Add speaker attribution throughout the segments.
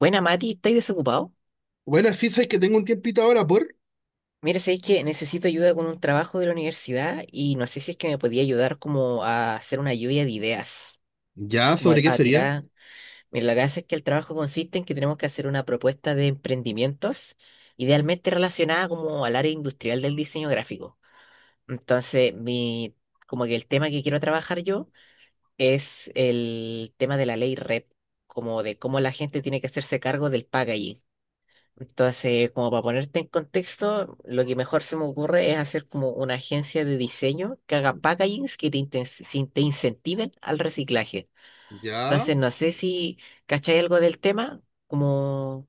Speaker 1: Buena, Mati, ¿estáis desocupado?
Speaker 2: Bueno, sí, sabes que tengo un tiempito ahora por.
Speaker 1: Mira, sabéis que necesito ayuda con un trabajo de la universidad y no sé si es que me podía ayudar como a hacer una lluvia de ideas,
Speaker 2: Ya,
Speaker 1: como a,
Speaker 2: ¿sobre qué
Speaker 1: a
Speaker 2: sería?
Speaker 1: tirar. Mira, lo que hace es que el trabajo consiste en que tenemos que hacer una propuesta de emprendimientos, idealmente relacionada como al área industrial del diseño gráfico. Entonces, como que el tema que quiero trabajar yo es el tema de la ley REP, como de cómo la gente tiene que hacerse cargo del packaging. Entonces, como para ponerte en contexto, lo que mejor se me ocurre es hacer como una agencia de diseño que haga packagings que te, inten- sin- te incentiven al reciclaje.
Speaker 2: Ya.
Speaker 1: Entonces, no sé si cacháis algo del tema, como,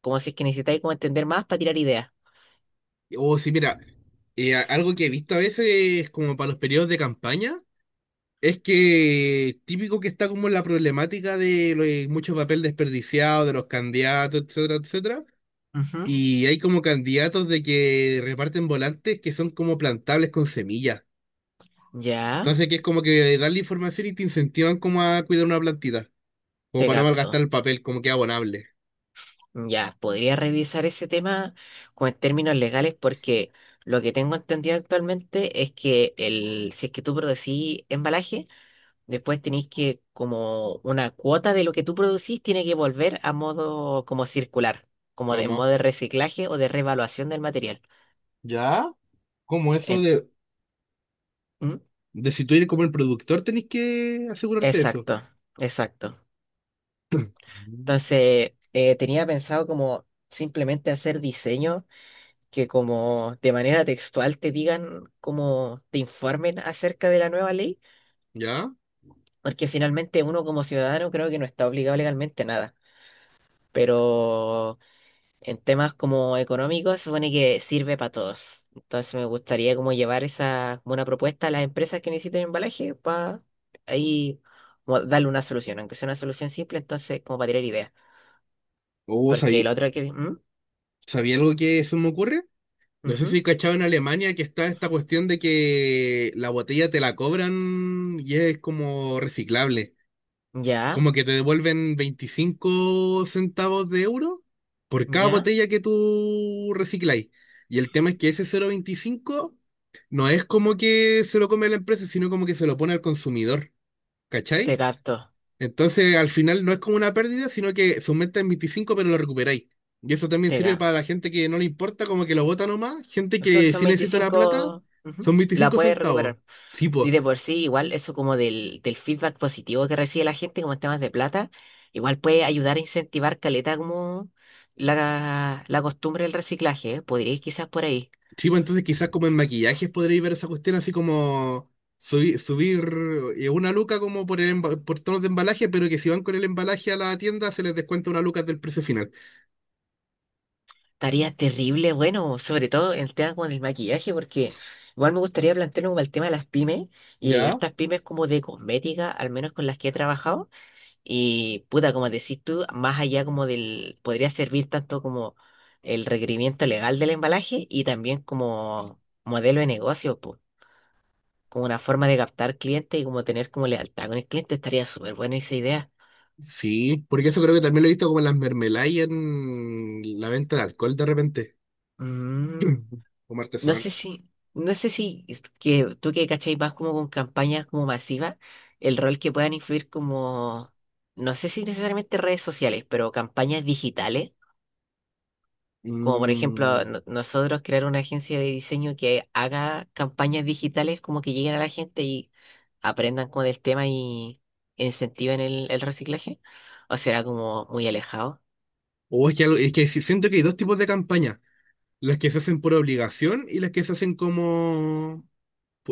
Speaker 1: como si es que necesitáis como entender más para tirar ideas.
Speaker 2: O sí, mira, algo que he visto a veces como para los periodos de campaña es que típico que está como la problemática de, lo de mucho papel desperdiciado de los candidatos, etcétera, etcétera.
Speaker 1: Ujú.
Speaker 2: Y hay como candidatos de que reparten volantes que son como plantables con semillas.
Speaker 1: Ya,
Speaker 2: Entonces, que es como que dan la información y te incentivan como a cuidar una plantita, como
Speaker 1: te
Speaker 2: para no malgastar
Speaker 1: capto.
Speaker 2: el papel, como que es abonable.
Speaker 1: Ya, podría revisar ese tema con términos legales porque lo que tengo entendido actualmente es que si es que tú producís embalaje, después tenéis que, como una cuota de lo que tú producís, tiene que volver a modo como circular, en modo
Speaker 2: ¿Cómo?
Speaker 1: de reciclaje o de revaluación del material.
Speaker 2: ¿Ya? Como eso
Speaker 1: En-
Speaker 2: de,
Speaker 1: ¿Mm?
Speaker 2: De si tú eres como el productor, tenés que asegurarte de eso.
Speaker 1: Exacto, exacto.
Speaker 2: Mm.
Speaker 1: Entonces, tenía pensado como simplemente hacer diseño que como de manera textual te digan, como te informen acerca de la nueva ley,
Speaker 2: ¿Ya?
Speaker 1: porque finalmente uno como ciudadano creo que no está obligado legalmente a nada. Pero en temas como económicos, se supone que sirve para todos. Entonces me gustaría como llevar esa, como una propuesta a las empresas que necesiten embalaje para ahí como darle una solución, aunque sea una solución simple, entonces como para tirar ideas.
Speaker 2: ¿O
Speaker 1: Porque el
Speaker 2: sabí,
Speaker 1: otro que vi, ¿Mm?
Speaker 2: sabía algo que se me ocurre? No sé
Speaker 1: Ujú.
Speaker 2: si cachado en Alemania que está esta cuestión de que la botella te la cobran y es como reciclable.
Speaker 1: Ya,
Speaker 2: Como que te devuelven 25 centavos de euro por cada
Speaker 1: ya,
Speaker 2: botella que tú recicláis. Y el tema es que ese cero coma veinticinco no es como que se lo come la empresa, sino como que se lo pone al consumidor.
Speaker 1: te
Speaker 2: ¿Cachai?
Speaker 1: capto.
Speaker 2: Entonces, al final no es como una pérdida, sino que se aumenta en 25, pero lo recuperáis. Y eso también
Speaker 1: te ga-
Speaker 2: sirve para la gente que no le importa, como que lo bota nomás. Gente
Speaker 1: Eso
Speaker 2: que
Speaker 1: son
Speaker 2: sí necesita la plata,
Speaker 1: 25, ujú.
Speaker 2: son
Speaker 1: La
Speaker 2: 25
Speaker 1: puedes
Speaker 2: centavos.
Speaker 1: recuperar.
Speaker 2: Sí, pues.
Speaker 1: Y de por sí, igual eso como del feedback positivo que recibe la gente como en temas de plata, igual puede ayudar a incentivar caleta como la costumbre del reciclaje, ¿eh? Podría ir quizás por ahí.
Speaker 2: Sí, po, entonces quizás como en maquillajes podréis ver esa cuestión así como subir una luca como por el por tonos de embalaje, pero que si van con el embalaje a la tienda se les descuenta una luca del precio final.
Speaker 1: Estaría terrible, bueno, sobre todo en temas como del maquillaje, porque igual me gustaría plantearme como el tema de las pymes, y hay
Speaker 2: ¿Ya?
Speaker 1: hartas pymes como de cosmética, al menos con las que he trabajado. Y puta, como decís tú, más allá como del, podría servir tanto como el requerimiento legal del embalaje y también como modelo de negocio, po, como una forma de captar clientes y como tener como lealtad con el cliente, estaría súper buena esa idea.
Speaker 2: Sí, porque eso creo que también lo he visto como en las mermeladas y en la venta de alcohol de repente,
Speaker 1: Mm,
Speaker 2: como
Speaker 1: no sé
Speaker 2: artesanal.
Speaker 1: si, no sé si es que tú que cachai más como con campañas como masivas, el rol que puedan influir como, no sé si necesariamente redes sociales, pero campañas digitales. Como por ejemplo,
Speaker 2: Mm.
Speaker 1: nosotros crear una agencia de diseño que haga campañas digitales como que lleguen a la gente y aprendan con el tema y incentiven el reciclaje. O será como muy alejado.
Speaker 2: O es que, es que siento que hay dos tipos de campañas, las que se hacen por obligación y las que se hacen como,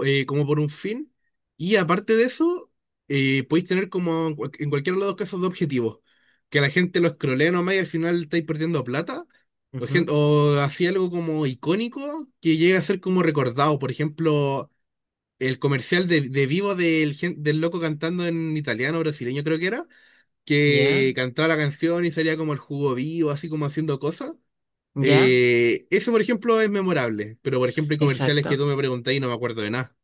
Speaker 2: como por un fin. Y aparte de eso, podéis tener como en en cualquiera de los dos casos de objetivos, que la gente lo escrolee nomás y al final estáis perdiendo plata, o,
Speaker 1: Ujú,
Speaker 2: o así algo como icónico que llega a ser como recordado. Por ejemplo, el comercial de Vivo del, del loco cantando en italiano brasileño creo que era que
Speaker 1: ya,
Speaker 2: cantaba la canción y salía como el jugo vivo, así como haciendo cosas.
Speaker 1: ya,
Speaker 2: Eso, por ejemplo, es memorable, pero por ejemplo hay comerciales que
Speaker 1: exacto.
Speaker 2: tú me preguntas y no me acuerdo de nada.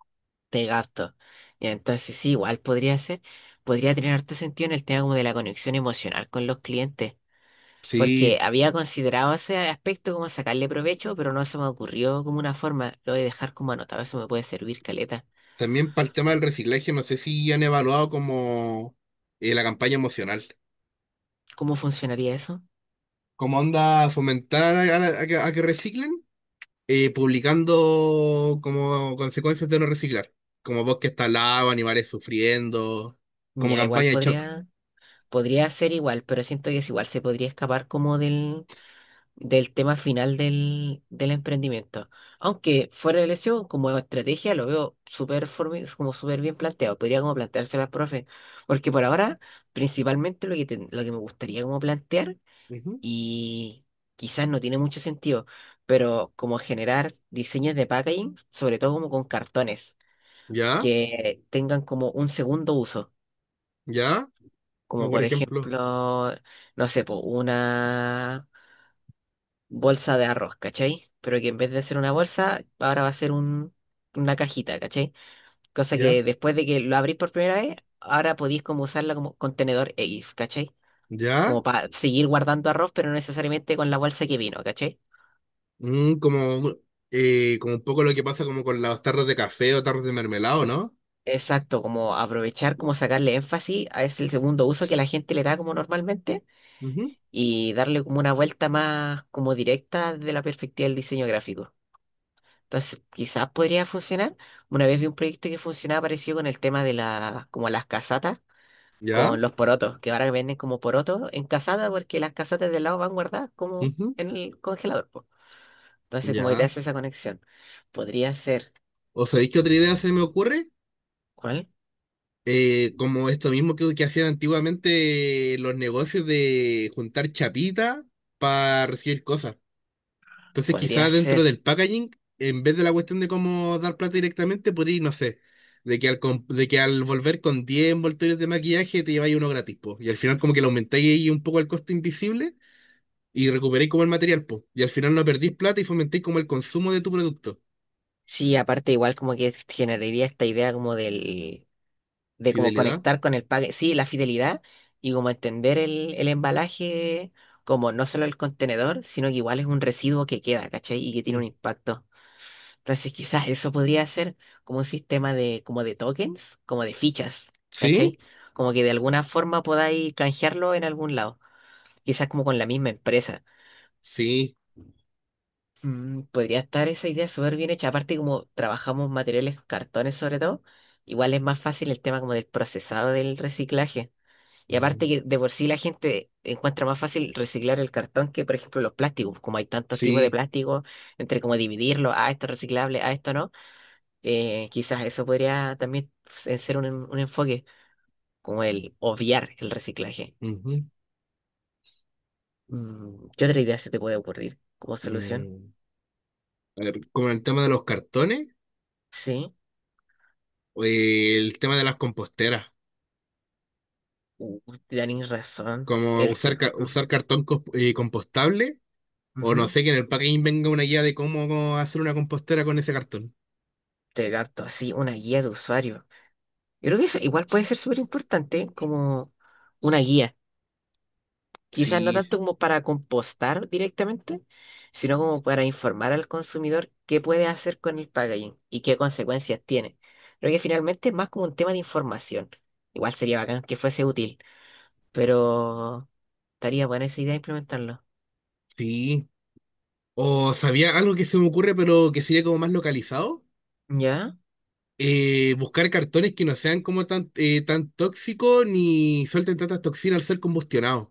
Speaker 1: Te gasto. Y entonces sí, igual podría ser, podría tener harto sentido en el tema como de la conexión emocional con los clientes. Porque
Speaker 2: Sí,
Speaker 1: había considerado ese aspecto como sacarle provecho, pero no se me ocurrió como una forma. Lo voy a dejar como anotado, eso me puede servir, caleta.
Speaker 2: también para el tema del reciclaje, no sé si han evaluado como la campaña emocional,
Speaker 1: ¿Cómo funcionaría eso?
Speaker 2: como onda fomentar a que reciclen, publicando como consecuencias de no reciclar, como bosques talados, animales sufriendo, como
Speaker 1: Ya igual
Speaker 2: campaña de shock.
Speaker 1: podría ser igual, pero siento que es igual, se podría escapar como del tema final del emprendimiento. Aunque fuera de lección, como estrategia lo veo súper como súper bien planteado. Podría como planteárselo al profe. Porque por ahora, principalmente lo que me gustaría como plantear,
Speaker 2: Ujú.
Speaker 1: y quizás no tiene mucho sentido, pero como generar diseños de packaging, sobre todo como con cartones,
Speaker 2: ¿Ya?
Speaker 1: que tengan como un segundo uso.
Speaker 2: ¿Ya? Como
Speaker 1: Como
Speaker 2: por
Speaker 1: por
Speaker 2: ejemplo,
Speaker 1: ejemplo, no sé, po, una bolsa de arroz, ¿cachai? Pero que en vez de ser una bolsa, ahora va a ser una cajita, ¿cachai? Cosa
Speaker 2: ¿ya?
Speaker 1: que después de que lo abrís por primera vez, ahora podéis como usarla como contenedor X, ¿cachai?
Speaker 2: ¿Ya?
Speaker 1: Como para seguir guardando arroz, pero no necesariamente con la bolsa que vino, ¿cachai?
Speaker 2: Mm, como, como un poco lo que pasa como con las tarros de café o tarros de mermelado, no.
Speaker 1: Exacto, como aprovechar, como sacarle énfasis a ese segundo uso que la gente le da como normalmente
Speaker 2: Ujú.
Speaker 1: y darle como una vuelta más como directa desde la perspectiva del diseño gráfico. Entonces, quizás podría funcionar. Una vez vi un proyecto que funcionaba parecido con el tema de como las casatas
Speaker 2: ¿Ya?
Speaker 1: con los porotos, que ahora venden como porotos en casata porque las casatas del lado van guardadas como
Speaker 2: Ujú.
Speaker 1: en el congelador, po. Entonces, como que te
Speaker 2: ¿Ya?
Speaker 1: hace esa conexión. Podría ser,
Speaker 2: ¿O sabéis qué otra idea se me ocurre?
Speaker 1: ¿cuál?
Speaker 2: Como esto mismo que hacían antiguamente los negocios de juntar chapita para recibir cosas. Entonces,
Speaker 1: Podría
Speaker 2: quizás dentro
Speaker 1: ser.
Speaker 2: del packaging, en vez de la cuestión de cómo dar plata directamente, podría, no sé, de que de que al volver con 10 envoltorios de maquillaje te lleváis uno gratis, po. Y al final como que le aumentáis ahí un poco el costo invisible y recuperáis como el material, po. Y al final no perdís plata y fomentáis como el consumo de tu producto.
Speaker 1: Sí, aparte igual como que generaría esta idea como del de como
Speaker 2: Fidelidad.
Speaker 1: conectar con el pague, sí, la fidelidad y como entender el embalaje como no solo el contenedor, sino que igual es un residuo que queda, ¿cachai? Y que tiene
Speaker 2: Mm.
Speaker 1: un impacto. Entonces quizás eso podría ser como un sistema como de tokens, como de fichas,
Speaker 2: ¿Sí?
Speaker 1: ¿cachai? Como que de alguna forma podáis canjearlo en algún lado, quizás como con la misma empresa.
Speaker 2: Sí.
Speaker 1: Podría estar esa idea súper bien hecha, aparte como trabajamos materiales, cartones sobre todo, igual es más fácil el tema como del procesado del reciclaje. Y aparte
Speaker 2: Mm.
Speaker 1: que de por sí la gente encuentra más fácil reciclar el cartón que, por ejemplo, los plásticos. Como hay tantos tipos de
Speaker 2: Sí.
Speaker 1: plástico, entre como dividirlo, ah, esto es reciclable, ah, esto no, quizás eso podría también ser un enfoque, como el obviar el reciclaje.
Speaker 2: Ujú.
Speaker 1: ¿Qué otra idea se te puede ocurrir como solución?
Speaker 2: Mm. A ver, como el tema de los cartones,
Speaker 1: Sí,
Speaker 2: o el tema de las composteras,
Speaker 1: uh, tenés razón.
Speaker 2: como
Speaker 1: El
Speaker 2: usar,
Speaker 1: te,
Speaker 2: usar
Speaker 1: ujú,
Speaker 2: cartón compostable. O no
Speaker 1: ujú.
Speaker 2: sé, que en el packaging venga una guía de cómo hacer una compostera con ese cartón.
Speaker 1: Te capto, así una guía de usuario. Yo creo que eso igual puede ser súper importante como una guía. Quizás no
Speaker 2: Sí,
Speaker 1: tanto como para compostar directamente, sino como para informar al consumidor qué puede hacer con el packaging y qué consecuencias tiene. Creo que finalmente es más como un tema de información. Igual sería bacán que fuese útil, pero estaría buena esa idea implementarlo.
Speaker 2: sí. O sabía algo que se me ocurre, pero que sería como más localizado.
Speaker 1: ¿Ya?
Speaker 2: Buscar cartones que no sean como tan, tan tóxicos ni suelten tantas toxinas al ser combustionados.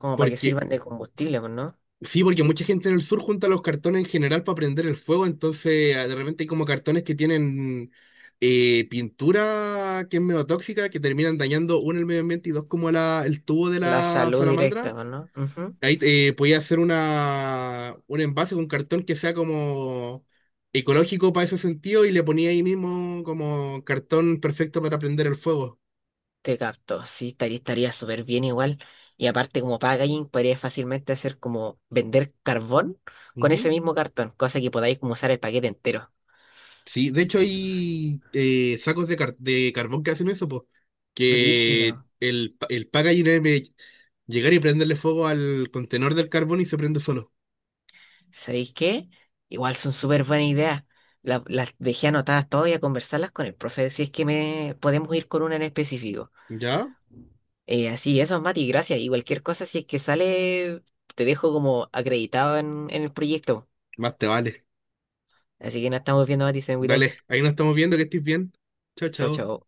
Speaker 1: Como para que
Speaker 2: Porque,
Speaker 1: sirvan de combustible, pues, ¿no?
Speaker 2: sí, porque mucha gente en el sur junta los cartones en general para prender el fuego, entonces ah, de repente hay como cartones que tienen pintura que es medio tóxica, que terminan dañando, uno, el medio ambiente y dos, como la, el tubo de
Speaker 1: La
Speaker 2: la
Speaker 1: salud
Speaker 2: salamandra.
Speaker 1: directa, pues, ¿no? Ujú.
Speaker 2: Ahí podía hacer una, un envase con cartón que sea como ecológico para ese sentido y le ponía ahí mismo como cartón perfecto para prender el fuego.
Speaker 1: Te capto, sí, estaría súper bien igual. Y aparte, como packaging, podría fácilmente hacer como vender carbón con ese
Speaker 2: Ujú.
Speaker 1: mismo cartón, cosa que podáis como usar el paquete entero.
Speaker 2: Sí, de hecho hay sacos de carbón que hacen eso, pues, que
Speaker 1: Brígido.
Speaker 2: el, el packaging es llegar y prenderle fuego al contenedor del carbón y se prende solo.
Speaker 1: ¿Sabéis qué? Igual son súper buenas ideas. Las dejé anotadas todas y a conversarlas con el profe si es que me podemos ir con una en específico.
Speaker 2: ¿Ya?
Speaker 1: Así, eso, Mati, gracias. Y cualquier cosa, si es que sale, te dejo como acreditado en el proyecto.
Speaker 2: Más te vale.
Speaker 1: Así que nos estamos viendo, Mati, se me cuidáis.
Speaker 2: Dale, ahí nos estamos viendo, que estés bien. Chao,
Speaker 1: Chao,
Speaker 2: chao.
Speaker 1: chao.